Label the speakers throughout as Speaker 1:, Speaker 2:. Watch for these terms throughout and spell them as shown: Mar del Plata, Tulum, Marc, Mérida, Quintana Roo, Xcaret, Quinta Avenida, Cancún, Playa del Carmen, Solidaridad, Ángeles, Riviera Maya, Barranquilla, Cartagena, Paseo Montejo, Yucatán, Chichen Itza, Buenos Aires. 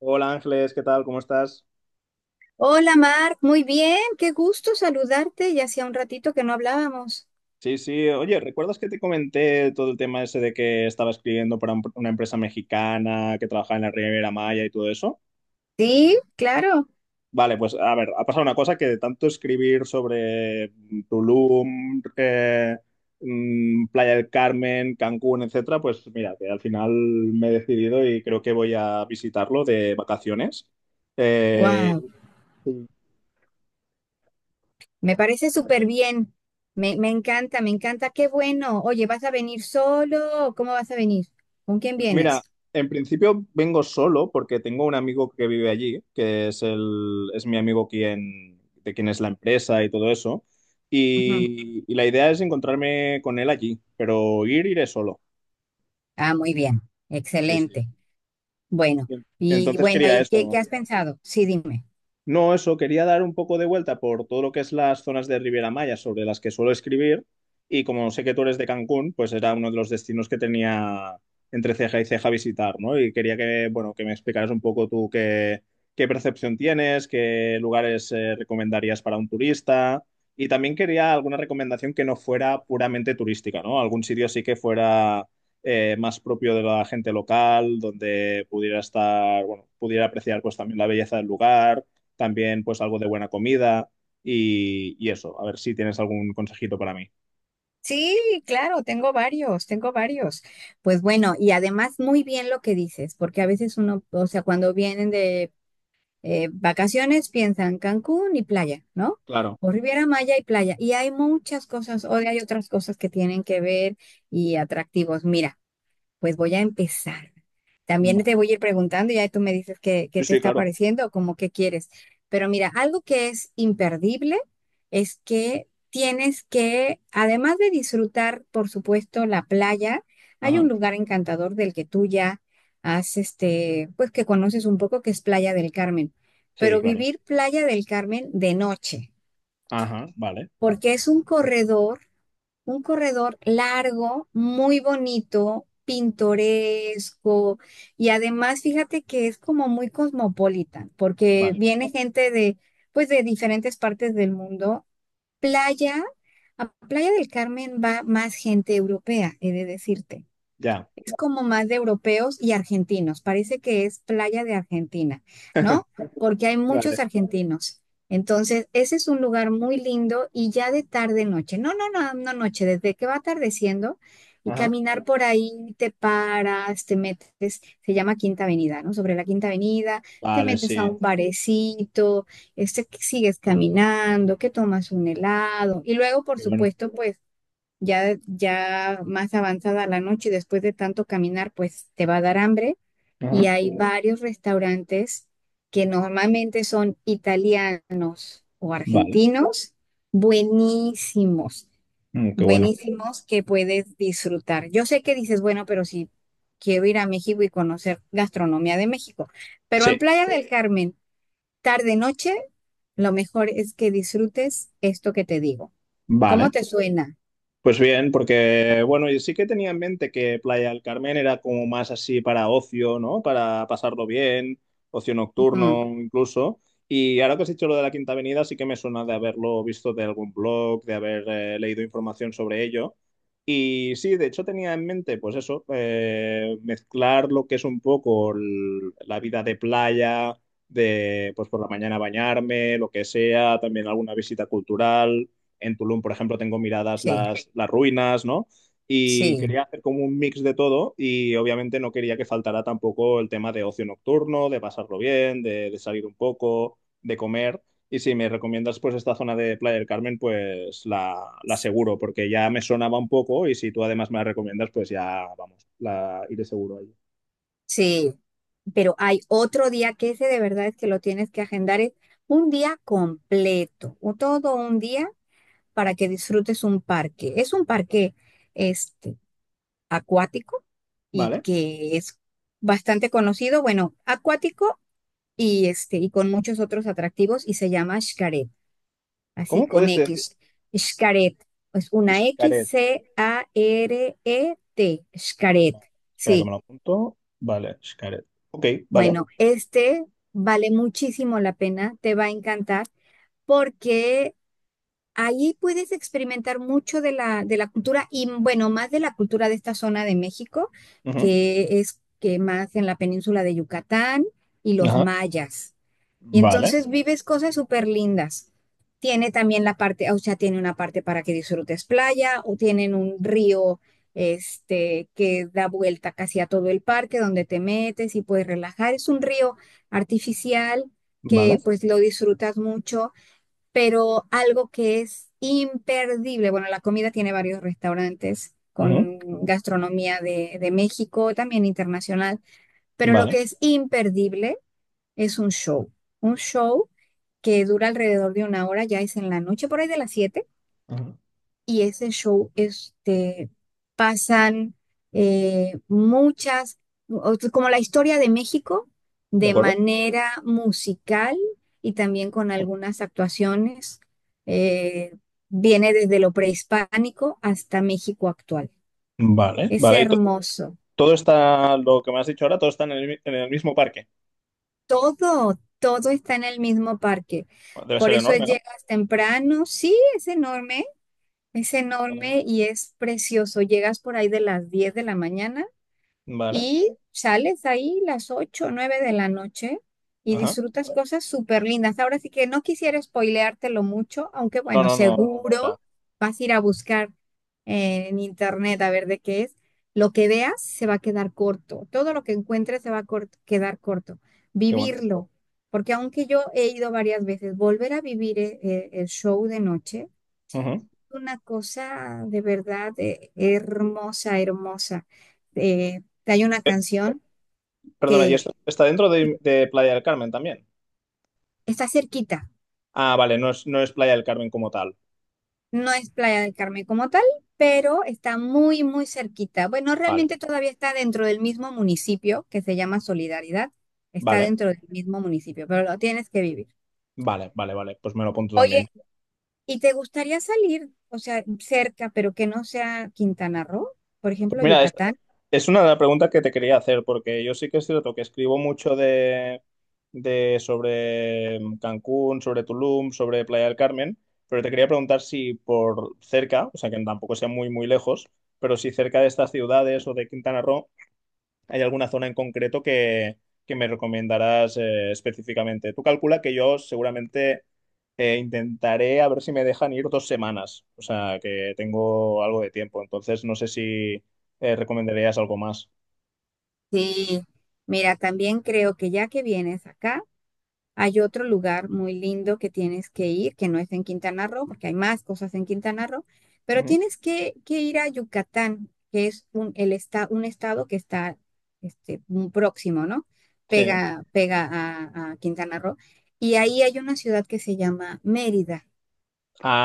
Speaker 1: Hola Ángeles, ¿qué tal? ¿Cómo estás?
Speaker 2: Hola Marc, muy bien, qué gusto saludarte, ya hacía un ratito que no hablábamos.
Speaker 1: Sí, sí. Oye, ¿recuerdas que te comenté todo el tema ese de que estaba escribiendo para una empresa mexicana que trabajaba en la Riviera Maya y todo eso?
Speaker 2: Sí, claro.
Speaker 1: Vale, pues a ver, ha pasado una cosa que de tanto escribir sobre Tulum, Playa del Carmen, Cancún, etcétera, pues mira, que al final me he decidido y creo que voy a visitarlo de vacaciones. Eh,
Speaker 2: Wow, me parece súper bien. Me encanta, me encanta, qué bueno. Oye, ¿vas a venir solo o cómo vas a venir? ¿Con quién
Speaker 1: Pues mira,
Speaker 2: vienes?
Speaker 1: en principio vengo solo porque tengo un amigo que vive allí, que es es mi amigo quien, de quien es la empresa y todo eso.
Speaker 2: Ujú.
Speaker 1: Y la idea es encontrarme con él allí, pero ir, iré solo.
Speaker 2: Ah, muy bien,
Speaker 1: Sí, sí.
Speaker 2: excelente. Bueno, y
Speaker 1: Entonces
Speaker 2: bueno,
Speaker 1: quería
Speaker 2: ¿y qué, qué
Speaker 1: eso.
Speaker 2: has pensado? Sí, dime.
Speaker 1: No, eso, quería dar un poco de vuelta por todo lo que es las zonas de Riviera Maya sobre las que suelo escribir y como sé que tú eres de Cancún, pues era uno de los destinos que tenía entre ceja y ceja visitar, ¿no? Y quería que, bueno, que me explicaras un poco tú qué, qué percepción tienes, qué lugares recomendarías para un turista y también quería alguna recomendación que no fuera puramente turística, ¿no? Algún sitio sí que fuera más propio de la gente local, donde pudiera estar, bueno, pudiera apreciar pues también la belleza del lugar también pues algo de buena comida y eso, a ver si tienes algún consejito para mí.
Speaker 2: Sí, claro, tengo varios, tengo varios. Pues bueno, y además muy bien lo que dices, porque a veces uno, o sea, cuando vienen de vacaciones piensan Cancún y playa, ¿no?
Speaker 1: Claro,
Speaker 2: O Riviera Maya y playa. Y hay muchas cosas, hoy hay otras cosas que tienen que ver y atractivos. Mira. Pues voy a empezar. También
Speaker 1: vale.
Speaker 2: te voy a ir preguntando, ya tú me dices qué, qué
Speaker 1: Sí,
Speaker 2: te
Speaker 1: sí,
Speaker 2: está
Speaker 1: claro.
Speaker 2: pareciendo o como qué quieres. Pero mira, algo que es imperdible es que tienes que, además de disfrutar, por supuesto, la playa, hay un
Speaker 1: Ajá.
Speaker 2: lugar encantador del que tú ya has, pues que conoces un poco, que es Playa del Carmen.
Speaker 1: Sí,
Speaker 2: Pero
Speaker 1: claro.
Speaker 2: vivir Playa del Carmen de noche,
Speaker 1: Ajá, vale,
Speaker 2: porque es un corredor. Un corredor largo, muy bonito, pintoresco y además fíjate que es como muy cosmopolita porque
Speaker 1: vale.
Speaker 2: viene gente de pues de diferentes partes del mundo. Playa, a Playa del Carmen va más gente europea, he de decirte
Speaker 1: Ya.
Speaker 2: es como más de europeos y argentinos. Parece que es playa de Argentina, ¿no? Porque hay muchos
Speaker 1: Vale.
Speaker 2: argentinos. Entonces, ese es un lugar muy lindo y ya de tarde noche, no, no, no, no noche, desde que va atardeciendo y
Speaker 1: Ajá.
Speaker 2: caminar por ahí, te paras, te metes, se llama Quinta Avenida, ¿no? Sobre la Quinta Avenida, te
Speaker 1: Vale,
Speaker 2: metes a
Speaker 1: sí.
Speaker 2: un barecito, que sigues caminando, que tomas un helado y luego, por
Speaker 1: Qué bueno.
Speaker 2: supuesto, pues ya, ya más avanzada la noche, después de tanto caminar, pues te va a dar hambre y
Speaker 1: Ajá.
Speaker 2: hay varios restaurantes que normalmente son italianos o
Speaker 1: Vale.
Speaker 2: argentinos, buenísimos,
Speaker 1: Mm, qué bueno.
Speaker 2: buenísimos que puedes disfrutar. Yo sé que dices, bueno, pero si quiero ir a México y conocer gastronomía de México, pero en
Speaker 1: Sí,
Speaker 2: Playa del Carmen, tarde noche, lo mejor es que disfrutes esto que te digo. ¿Cómo
Speaker 1: vale.
Speaker 2: te suena?
Speaker 1: Pues bien, porque bueno, yo sí que tenía en mente que Playa del Carmen era como más así para ocio, ¿no? Para pasarlo bien, ocio
Speaker 2: Ujú,
Speaker 1: nocturno incluso. Y ahora que has dicho lo de la Quinta Avenida, sí que me suena de haberlo visto de algún blog, de haber leído información sobre ello. Y sí, de hecho tenía en mente, pues eso, mezclar lo que es un poco la vida de playa, de pues por la mañana bañarme, lo que sea, también alguna visita cultural. En Tulum, por ejemplo, tengo miradas
Speaker 2: sí,
Speaker 1: las ruinas, ¿no? Y
Speaker 2: sí.
Speaker 1: quería hacer como un mix de todo y obviamente no quería que faltara tampoco el tema de ocio nocturno, de pasarlo bien, de salir un poco, de comer. Y si me recomiendas pues esta zona de Playa del Carmen, pues la seguro, porque ya me sonaba un poco y si tú además me la recomiendas, pues ya vamos, la iré seguro ahí.
Speaker 2: Sí, pero hay otro día que ese de verdad es que lo tienes que agendar, es un día completo, o todo un día para que disfrutes un parque. Es un parque este, acuático y
Speaker 1: Vale.
Speaker 2: que es bastante conocido, bueno, acuático y, y con muchos otros atractivos y se llama Xcaret, así
Speaker 1: ¿Cómo
Speaker 2: con
Speaker 1: puedes decir
Speaker 2: X. Xcaret, es una
Speaker 1: Xcaret?
Speaker 2: X-C-A-R-E-T, Xcaret,
Speaker 1: Espera que me
Speaker 2: sí.
Speaker 1: lo apunto. Vale, Xcaret. Ok, vale.
Speaker 2: Bueno, este vale muchísimo la pena, te va a encantar porque ahí puedes experimentar mucho de la cultura y bueno, más de la cultura de esta zona de México,
Speaker 1: Ujú.
Speaker 2: que es que más en la península de Yucatán y los
Speaker 1: Ajá.
Speaker 2: mayas. Y
Speaker 1: Vale,
Speaker 2: entonces vives cosas súper lindas. Tiene también la parte, o sea, tiene una parte para que disfrutes playa, o tienen un río que da vuelta casi a todo el parque donde te metes y puedes relajar. Es un río artificial que
Speaker 1: vale.
Speaker 2: pues lo disfrutas mucho, pero algo que es imperdible. Bueno, la comida tiene varios restaurantes
Speaker 1: Ujú.
Speaker 2: con gastronomía de México, también internacional, pero lo que
Speaker 1: Vale.
Speaker 2: es imperdible es un show que dura alrededor de una hora, ya es en la noche, por ahí de las siete,
Speaker 1: Ujú.
Speaker 2: y ese show, pasan muchas, como la historia de México,
Speaker 1: De
Speaker 2: de
Speaker 1: acuerdo.
Speaker 2: manera musical y también con algunas actuaciones, eh, viene desde lo prehispánico hasta México actual.
Speaker 1: Vale,
Speaker 2: Es
Speaker 1: vale. Y
Speaker 2: hermoso.
Speaker 1: todo está, lo que me has dicho ahora, todo está en en el mismo parque.
Speaker 2: Todo, todo está en el mismo parque.
Speaker 1: Debe
Speaker 2: Por
Speaker 1: ser
Speaker 2: eso
Speaker 1: enorme, ¿no?
Speaker 2: llegas temprano. Sí, es
Speaker 1: Vale, vale.
Speaker 2: enorme y es precioso. Llegas por ahí de las 10 de la mañana
Speaker 1: Vale.
Speaker 2: y sales ahí las 8 o 9 de la noche y
Speaker 1: Ajá.
Speaker 2: disfrutas cosas súper lindas. Ahora sí que no quisiera spoileártelo mucho, aunque
Speaker 1: No,
Speaker 2: bueno,
Speaker 1: no, no.
Speaker 2: seguro vas a ir a buscar en internet a ver de qué es. Lo que veas se va a quedar corto, todo lo que encuentres se va a quedar corto.
Speaker 1: Qué bueno.
Speaker 2: Vivirlo, porque aunque yo he ido varias veces, volver a vivir el show de noche
Speaker 1: Ujú.
Speaker 2: una cosa de verdad hermosa, hermosa. Hay una canción
Speaker 1: Perdona, ¿y
Speaker 2: que
Speaker 1: esto está dentro
Speaker 2: sí,
Speaker 1: de Playa del Carmen también?
Speaker 2: está cerquita,
Speaker 1: Ah, vale, no es, no es Playa del Carmen como tal.
Speaker 2: no es Playa del Carmen como tal, pero está muy, muy cerquita. Bueno,
Speaker 1: Vale,
Speaker 2: realmente todavía está dentro del mismo municipio que se llama Solidaridad, está
Speaker 1: vale,
Speaker 2: dentro del mismo municipio, pero lo tienes que vivir.
Speaker 1: vale, vale, vale. Pues me lo apunto también.
Speaker 2: Oye, ¿y te gustaría salir, o sea, cerca, pero que no sea Quintana Roo, por
Speaker 1: Pues
Speaker 2: ejemplo,
Speaker 1: mira,
Speaker 2: Yucatán?
Speaker 1: es una de las preguntas que te quería hacer, porque yo sí que es cierto que escribo mucho de sobre Cancún, sobre Tulum, sobre Playa del Carmen, pero te quería preguntar si por cerca, o sea que tampoco sea muy, muy lejos, pero si cerca de estas ciudades o de Quintana Roo. ¿Hay alguna zona en concreto que me recomendarás específicamente? Tú calcula que yo seguramente intentaré a ver si me dejan ir 2 semanas, o sea, que tengo algo de tiempo, entonces no sé si recomendarías algo más.
Speaker 2: Sí, mira, también creo que ya que vienes acá, hay otro lugar muy lindo que tienes que ir, que no es en Quintana Roo, porque hay más cosas en Quintana Roo, pero
Speaker 1: Ujú.
Speaker 2: tienes que ir a Yucatán, que es un, el un estado que está muy próximo, ¿no?
Speaker 1: Sí,
Speaker 2: Pega, pega a Quintana Roo. Y ahí hay una ciudad que se llama Mérida,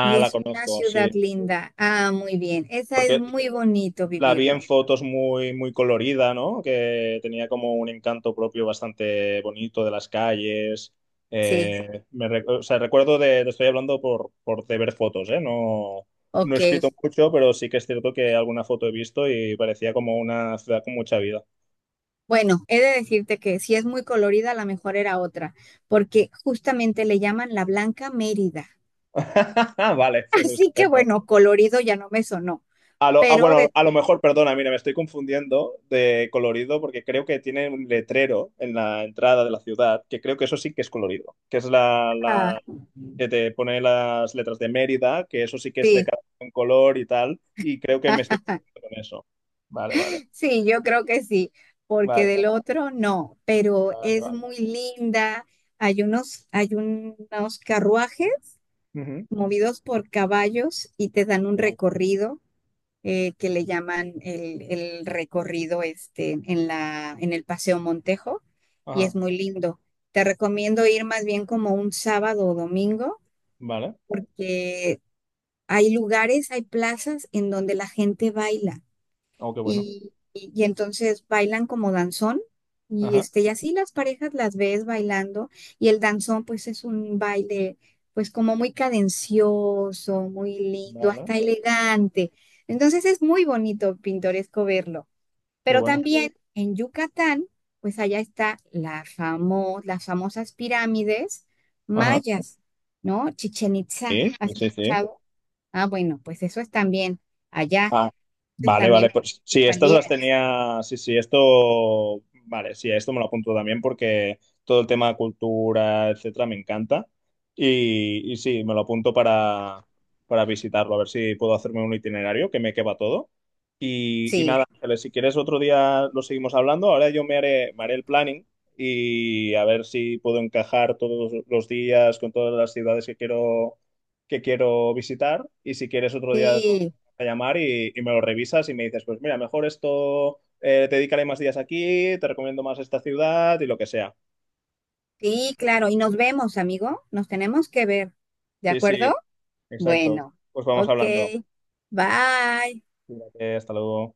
Speaker 2: y
Speaker 1: la
Speaker 2: es una
Speaker 1: conozco,
Speaker 2: ciudad
Speaker 1: sí.
Speaker 2: linda. Ah, muy bien. Esa es
Speaker 1: Porque
Speaker 2: muy bonito
Speaker 1: la vi en
Speaker 2: vivirlo.
Speaker 1: fotos muy, muy colorida, ¿no? Que tenía como un encanto propio bastante bonito de las calles.
Speaker 2: Sí,
Speaker 1: O sea, recuerdo de, te estoy hablando por de ver fotos, ¿eh? No, no he
Speaker 2: ok.
Speaker 1: escrito mucho, pero sí que es cierto que alguna foto he visto y parecía como una ciudad con mucha vida.
Speaker 2: Bueno, he de decirte que si es muy colorida, la mejor era otra, porque justamente le llaman la Blanca Mérida.
Speaker 1: Vale, pues
Speaker 2: Así que
Speaker 1: estupendo.
Speaker 2: bueno, colorido ya no me sonó, pero
Speaker 1: Bueno,
Speaker 2: de...
Speaker 1: a lo mejor, perdona, mira, me estoy confundiendo de colorido porque creo que tiene un letrero en la entrada de la ciudad, que creo que eso sí que es colorido, que es
Speaker 2: ah,
Speaker 1: que te pone las letras de Mérida, que eso sí que es de
Speaker 2: sí,
Speaker 1: cada un color y tal, y creo que me estoy contento con eso. Vale, vale,
Speaker 2: sí, yo creo que sí, porque
Speaker 1: vale, vale,
Speaker 2: del otro no, pero
Speaker 1: vale,
Speaker 2: es
Speaker 1: vale.
Speaker 2: muy linda. Hay unos carruajes
Speaker 1: Ujú.
Speaker 2: movidos por caballos y te dan un
Speaker 1: Guau.
Speaker 2: recorrido. Que le llaman el recorrido en la, en el Paseo Montejo y es
Speaker 1: Ajá,
Speaker 2: muy lindo. Te recomiendo ir más bien como un sábado o domingo,
Speaker 1: vale.
Speaker 2: que hay lugares, hay plazas en donde la gente baila
Speaker 1: Oh, qué bueno.
Speaker 2: y, y entonces bailan como danzón y
Speaker 1: Ajá,
Speaker 2: y así las parejas las ves bailando y el danzón pues es un baile pues como muy cadencioso, muy lindo,
Speaker 1: vale,
Speaker 2: hasta elegante. Entonces es muy bonito, pintoresco verlo.
Speaker 1: qué
Speaker 2: Pero
Speaker 1: bueno.
Speaker 2: también en Yucatán, pues allá está la las famosas pirámides
Speaker 1: Ajá.
Speaker 2: mayas, ¿no? Chichen Itza
Speaker 1: Sí,
Speaker 2: ¿has
Speaker 1: sí, sí.
Speaker 2: escuchado? Ah, bueno, pues eso es también allá,
Speaker 1: Ah,
Speaker 2: es
Speaker 1: vale,
Speaker 2: también
Speaker 1: vale, pues
Speaker 2: que
Speaker 1: sí, estas
Speaker 2: saliera.
Speaker 1: las tenía, sí, sí, esto, vale, sí, esto me lo apunto también porque todo el tema de cultura, etcétera, me encanta y sí, me lo apunto para visitarlo, a ver si puedo hacerme un itinerario que me quepa todo y
Speaker 2: Sí,
Speaker 1: nada, Ángeles, si quieres otro día lo seguimos hablando, ahora yo me haré el planning y a ver si puedo encajar todos los días con todas las ciudades que quiero visitar y si quieres otro día
Speaker 2: sí,
Speaker 1: a llamar y me lo revisas y me dices, pues mira, mejor esto, te dedicaré más días aquí, te recomiendo más esta ciudad y lo que sea.
Speaker 2: sí, claro. Y nos vemos, amigo. Nos tenemos que ver. ¿De
Speaker 1: Sí, sí,
Speaker 2: acuerdo?
Speaker 1: exacto.
Speaker 2: Bueno,
Speaker 1: Pues vamos
Speaker 2: ok.
Speaker 1: hablando.
Speaker 2: Bye.
Speaker 1: Cuídate, hasta luego.